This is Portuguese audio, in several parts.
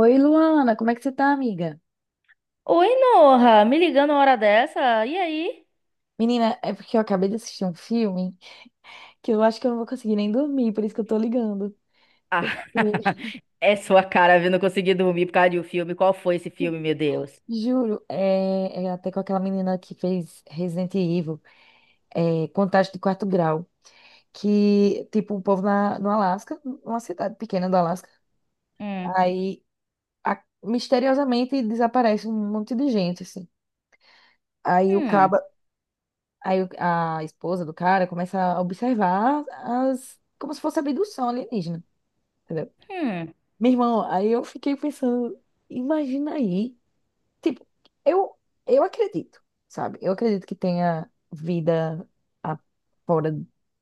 Oi, Luana, como é que você tá, amiga? Oi, Noha, me ligando uma hora dessa. E aí? Menina, é porque eu acabei de assistir um filme que eu acho que eu não vou conseguir nem dormir, por isso que eu tô ligando. Ah, Hum. é sua cara, viu? Não consegui dormir por causa de um filme. Qual foi esse filme, meu Deus? Juro, é até com aquela menina que fez Resident Evil, é, Contato de Quarto Grau, que, tipo, o povo no Alasca, uma cidade pequena do Alasca, Hum, aí misteriosamente desaparece um monte de gente, assim. Aí o hum, caba, aí o- a esposa do cara começa a observar as, como se fosse abdução alienígena. Entendeu? hum. Meu irmão, aí eu fiquei pensando, imagina aí, tipo, eu, eu acredito, sabe? Eu acredito que tenha vida a- fora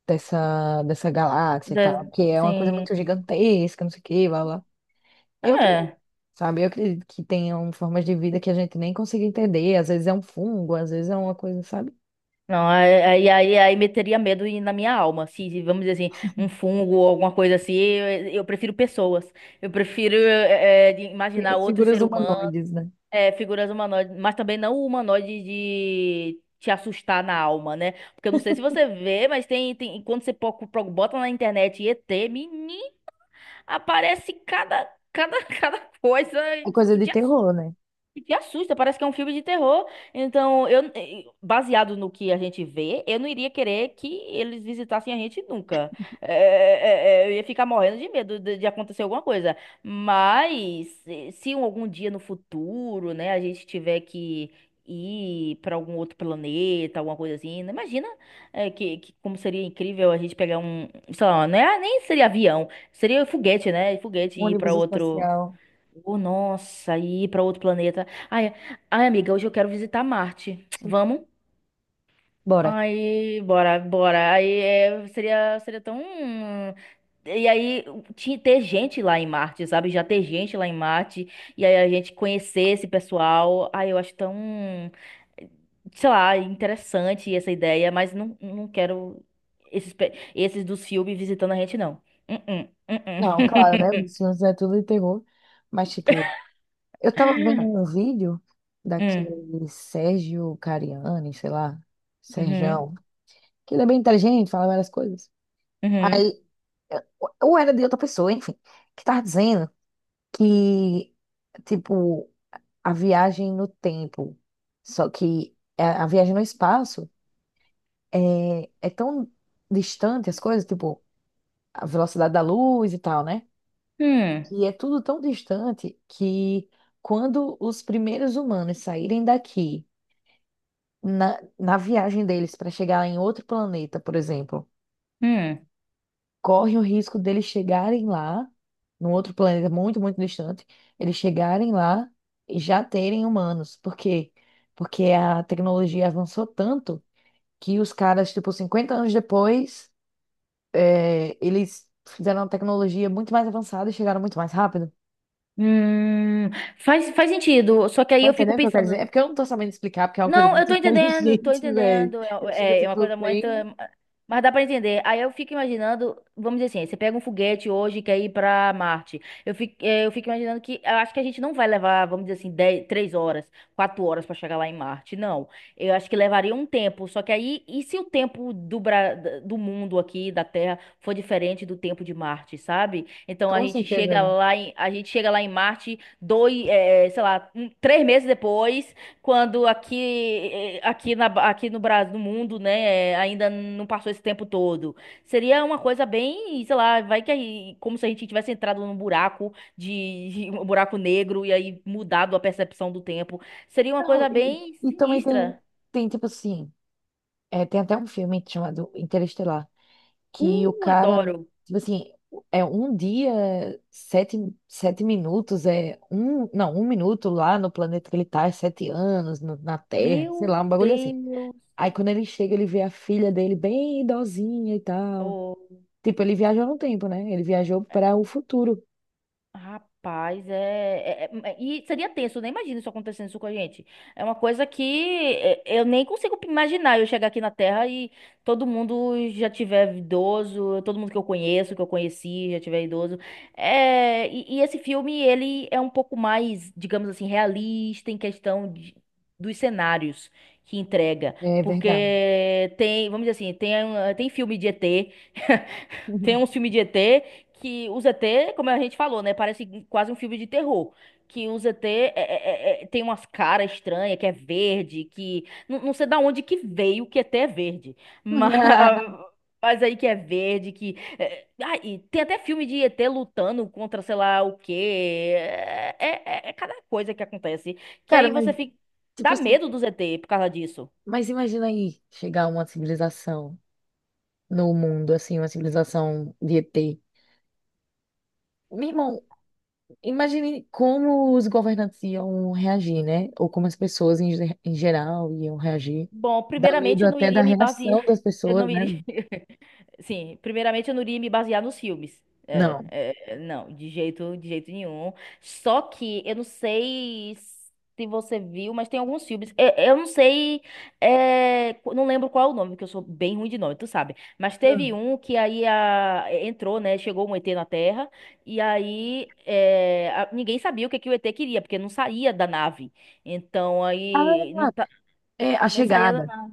dessa galáxia e tal, que é uma coisa Sim. muito gigantesca, não sei o que, blá, blá. Eu acredito, É. sabe? Eu acredito que tenham formas de vida que a gente nem consegue entender, às vezes é um fungo, às vezes é uma coisa, sabe? Não, aí meteria medo na minha alma. Se, vamos dizer assim, um fungo ou alguma coisa assim, eu prefiro pessoas. Eu prefiro de imaginar outro Figuras ser humano. humanoides, né? É, figuras humanoides, mas também não o humanoide de te assustar na alma, né? Porque eu não sei se você vê, mas tem quando você bota na internet ET, menino, aparece cada coisa É que, coisa que de te terror, né? e que assusta, parece que é um filme de terror. Então, baseado no que a gente vê, eu não iria querer que eles visitassem a gente nunca. É, eu ia ficar morrendo de medo de acontecer alguma coisa. Mas, se algum dia no futuro, né, a gente tiver que ir para algum outro planeta, alguma coisa assim, né, imagina, que como seria incrível a gente pegar um, sei lá, não é, nem seria avião, seria foguete, né? Foguete Um e ir para ônibus outro. espacial. Oh, nossa, e ir pra outro planeta. Ai, ai, amiga, hoje eu quero visitar Marte. Vamos? Bora. Aí, bora, bora. Aí é, seria tão. E aí, ter gente lá em Marte, sabe? Já ter gente lá em Marte. E aí a gente conhecer esse pessoal. Ai, eu acho tão. Sei lá, interessante essa ideia, mas não, não quero esses dos filmes visitando a gente, não. Uh-uh, uh-uh. Não, claro, né? Os filmes é tudo de terror. Mas, tipo, eu tava vendo um vídeo Hum, daquele Sérgio Cariani, sei lá, uhum, Serjão, que ele é bem inteligente, fala várias coisas. uhum, Aí, ou era de outra pessoa, enfim, que tava dizendo que, tipo, a viagem no tempo, só que a viagem no espaço é tão distante as coisas, tipo, a velocidade da luz e tal, né? hum, E é tudo tão distante que quando os primeiros humanos saírem daqui na viagem deles para chegar em outro planeta, por exemplo, hum. corre o risco deles chegarem lá, num outro planeta muito, muito distante, eles chegarem lá e já terem humanos. Por quê? Porque a tecnologia avançou tanto que os caras, tipo, 50 anos depois, é, eles fizeram uma tecnologia muito mais avançada e chegaram muito mais rápido. Hum, faz sentido. Só que aí Tá eu fico entendendo o que eu quero dizer? pensando, É porque eu não tô sabendo explicar, porque é uma coisa não, eu muito tô entendendo, tô inteligente, velho. entendendo. Eu fico, É, é uma tipo, coisa muito. bem. Mas dá pra entender. Aí eu fico imaginando, vamos dizer assim, você pega um foguete hoje e quer ir pra Marte. Eu fico imaginando que eu acho que a gente não vai levar, vamos dizer assim, 10, 3 horas, 4 horas pra chegar lá em Marte. Não. Eu acho que levaria um tempo. Só que aí, e se o tempo do mundo aqui, da Terra, for diferente do tempo de Marte, sabe? Então a Com gente certeza. A gente chega lá em Marte, dois, sei lá, um, 3 meses depois. Quando aqui, eh, aqui, na, aqui no Brasil, no mundo, né, ainda não passou esse tempo todo. Seria uma coisa bem, sei lá, vai que aí, como se a gente tivesse entrado num um buraco negro e aí mudado a percepção do tempo. Seria uma Não, coisa e, bem e também tem, sinistra. tem tipo assim, é, tem até um filme chamado Interestelar, que o cara, Adoro. tipo assim, é um dia, sete, 7 minutos, é um, não, 1 minuto lá no planeta que ele tá, é 7 anos na Terra, sei Meu lá, um bagulho assim. Deus. Aí quando ele chega, ele vê a filha dele bem idosinha e tal. Oh. Tipo, ele viajou no tempo, né? Ele viajou para o futuro. Rapaz, E seria tenso, eu nem imagino isso acontecendo isso com a gente. É uma coisa eu nem consigo imaginar eu chegar aqui na Terra e todo mundo já tiver idoso, todo mundo que eu conheço, que eu conheci, já tiver idoso. É, e esse filme, ele é um pouco mais, digamos assim, realista em questão dos cenários que entrega. É verdade. Porque tem, vamos dizer assim, tem filme de ET. Tem uns filmes de ET que os ET, como a gente falou, né? Parece quase um filme de terror. Que os ET tem umas caras estranhas, que é verde, que. Não, não sei da onde que veio que ET é verde. Mas, mas aí que é verde, que. Ah, e tem até filme de ET lutando contra sei lá o quê. É, cada coisa que acontece. Que Cara, aí mas, você fica. tipo Dá assim, medo dos ET por causa disso. mas imagina aí chegar uma civilização, no mundo, assim, uma civilização de ET. Meu irmão, imagine como os governantes iam reagir, né? Ou como as pessoas em geral iam reagir. Bom, Dá primeiramente medo eu não até da iria me reação basear. das Eu pessoas, não né? iria. Sim, primeiramente eu não iria me basear nos filmes. É, Não. é, não, de jeito nenhum. Só que eu não sei se você viu, mas tem alguns filmes. Eu não sei, não lembro qual é o nome, porque eu sou bem ruim de nome, tu sabe. Mas teve Hum. um que aí entrou, né? Chegou um ET na Terra, e aí ninguém sabia o que, que o ET queria, porque não saía da nave. Então aí Ah, é a não saía da chegada, nave.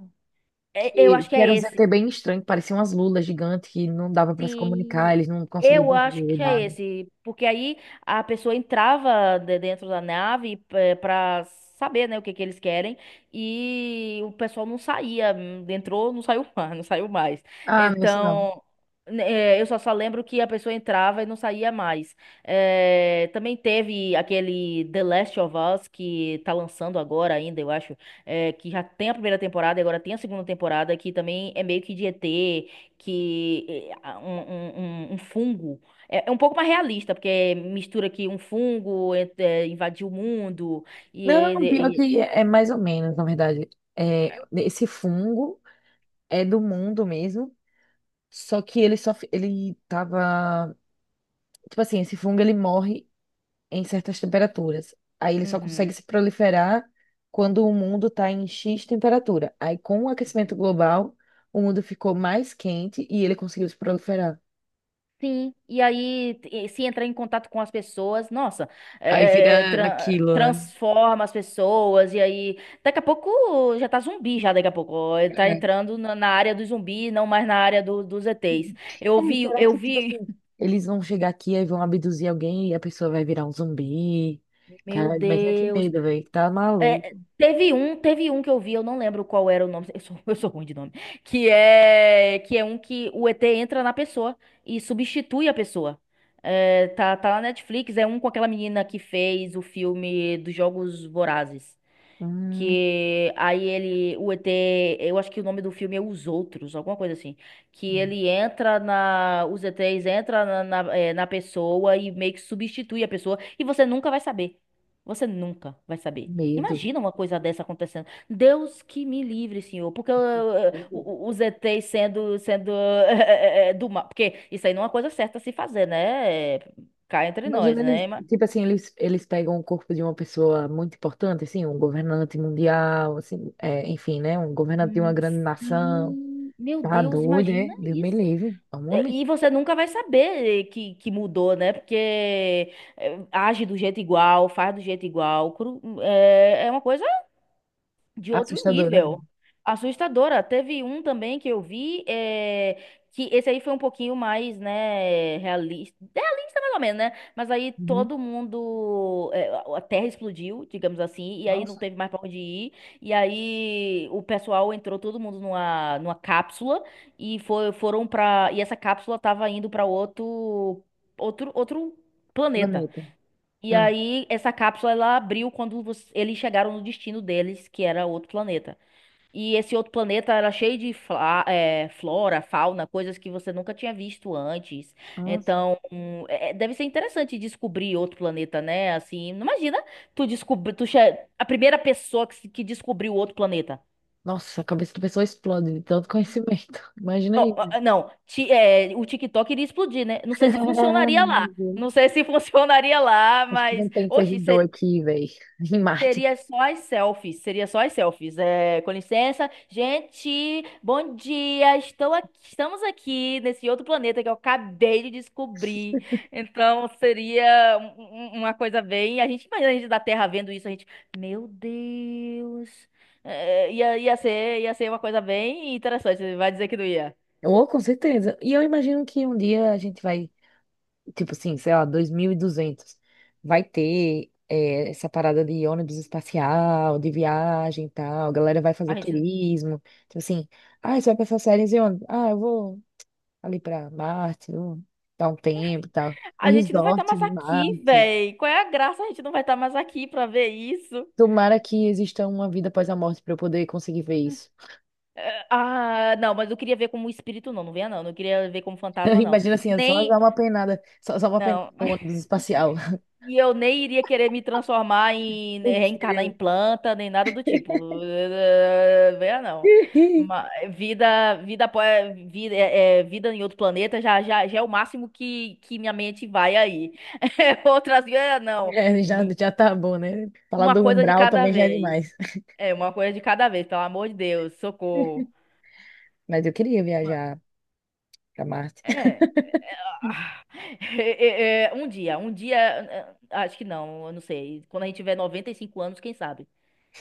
Eu que, acho que que é era um esse. ZT bem estranho, que parecia umas lulas gigantes que não dava para se comunicar, Sim, eles não conseguiam eu acho dizer que é nada. esse, porque aí a pessoa entrava dentro da nave para saber, né, o que que eles querem e o pessoal não saía, entrou, não saiu mais, não saiu mais. Ah, não, isso não. Então, né, eu só lembro que a pessoa entrava e não saía mais. Também teve aquele The Last of Us que tá lançando agora ainda, eu acho, que já tem a primeira temporada e agora tem a segunda temporada que também é meio que de ET que um, um, um fungo é um pouco mais realista, porque mistura que um fungo invadiu o mundo e Não, ele. pior e- que é mais ou menos, na verdade. É, esse fungo é do mundo mesmo. Só que ele só, ele tava, tipo assim, esse fungo ele morre em certas temperaturas. Aí ele só Uhum. consegue se proliferar quando o mundo tá em X temperatura. Aí com o aquecimento Uhum. global, o mundo ficou mais quente e ele conseguiu se proliferar. Sim, e aí se entrar em contato com as pessoas, nossa, Aí vira aquilo, né? transforma as pessoas, e aí daqui a pouco já tá zumbi, já daqui a pouco, ó, ele tá É. entrando na área do zumbi, não mais na área dos ETs. É, será Eu que, tipo vi, assim, eles vão chegar aqui e vão abduzir alguém e a pessoa vai virar um zumbi? meu Cara, imagina que Deus. medo, velho. Tá É, maluco. Teve um que eu vi, eu não lembro qual era o nome, eu sou, eu sou ruim de nome, que é um que o ET entra na pessoa e substitui a pessoa. É, tá na Netflix, é um com aquela menina que fez o filme dos Jogos Vorazes. Hum, Que aí ele, o ET, eu acho que o nome do filme é Os Outros, alguma coisa assim. Que ele entra os ETs entra na pessoa e meio que substitui a pessoa e você nunca vai saber. Você nunca vai saber. Medo. Imagina uma coisa dessa acontecendo. Deus que me livre, senhor. Porque os ETs sendo, sendo do mal. Porque isso aí não é uma coisa certa a se fazer, né? Cá entre nós, Imagina eles, né? Tipo assim, eles pegam o corpo de uma pessoa muito importante, assim, um governante mundial, assim, é, enfim, né? Um governante de uma Hum, grande nação. sim, meu Tá Deus, doido, imagina né? Deus me isso. livre. É um homem. E você nunca vai saber que mudou, né? Porque age do jeito igual, faz do jeito igual. É, uma coisa de outro Assustador, né? nível. Assustadora. Teve um também que eu vi, que esse aí foi um pouquinho mais, né, realista. Realista mais ou menos, né? Mas aí Uhum. todo mundo, a terra explodiu, digamos assim, e aí não Nossa, teve mais pra onde ir. E aí o pessoal entrou todo mundo numa cápsula e foi, foram pra. E essa cápsula tava indo pra outro planeta. planeta. E Ah, aí, essa cápsula ela abriu quando eles chegaram no destino deles, que era outro planeta. E esse outro planeta era cheio de flora, fauna, coisas que você nunca tinha visto antes. nossa. Então, deve ser interessante descobrir outro planeta, né? Assim, não imagina tu descobrir, a primeira pessoa que, se- que descobriu outro planeta. Nossa, a cabeça da pessoa explode de tanto conhecimento. Imagina Ó, ó, aí. ó, não, o TikTok iria explodir, né? Não sei se funcionaria lá. Meu Deus. Não sei se funcionaria lá, Acho que não mas. tem Oxe, servidor aqui, velho. Em Marte. seria só as selfies, seria só as selfies. É, com licença, gente, bom dia. Estamos aqui nesse outro planeta que eu acabei de descobrir. Então seria uma coisa bem. A gente imagina a gente da Terra vendo isso, a gente, meu Deus. É, ia ser uma coisa bem interessante. Você vai dizer que não ia. Ou, com certeza. E eu imagino que um dia a gente vai, tipo assim, sei lá, 2200. Vai ter é, essa parada de ônibus espacial, de viagem e tal. A galera vai A fazer gente, turismo. Tipo assim, ah, você vai pra essas séries e ônibus? Ah, eu vou ali pra Marte, vou dar um tempo e tal. Um a gente não vai estar resort mais em aqui, Marte. véi. Qual é a graça? A gente não vai estar mais aqui pra ver isso. Tomara que exista uma vida após a morte pra eu poder conseguir ver isso. É, ah, não, mas eu queria ver como espírito, não, não venha não, não queria ver como fantasma, não. Imagina assim, é só Nem, dar uma penada, só uma penada não. no ônibus espacial. E eu nem iria querer me transformar em, né, Putz, reencarnar em grilo. planta, nem nada do tipo. Venha não. Ma- vida, vida, apó- vida, é, é, vida em outro planeta já, é o máximo que minha mente vai aí. Outras, não. É, já, já tá bom, né? Falar Uma do coisa de umbral cada também já é vez. demais. É, uma coisa de cada vez, pelo amor de Deus, socorro. Mas eu queria Ma- viajar pra Marte. É. Ah, um dia, acho que não, eu não sei. Quando a gente tiver 95 anos, quem sabe?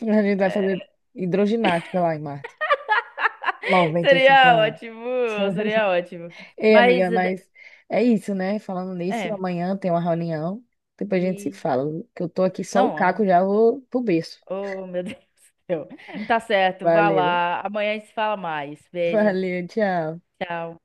A gente vai fazer hidroginástica lá em Marte. noventa e cinco Seria anos. ótimo, seria ótimo. Ei, Mas, amiga, mas é isso, né? Falando nisso, é, amanhã tem uma reunião. Depois a gente se e... fala. Que eu tô aqui só o Não, ó. caco, já vou pro berço. Oh, meu Deus do céu. Tá certo, vá Valeu, lá. Amanhã a gente se fala mais. Beijo, valeu, tchau. tchau.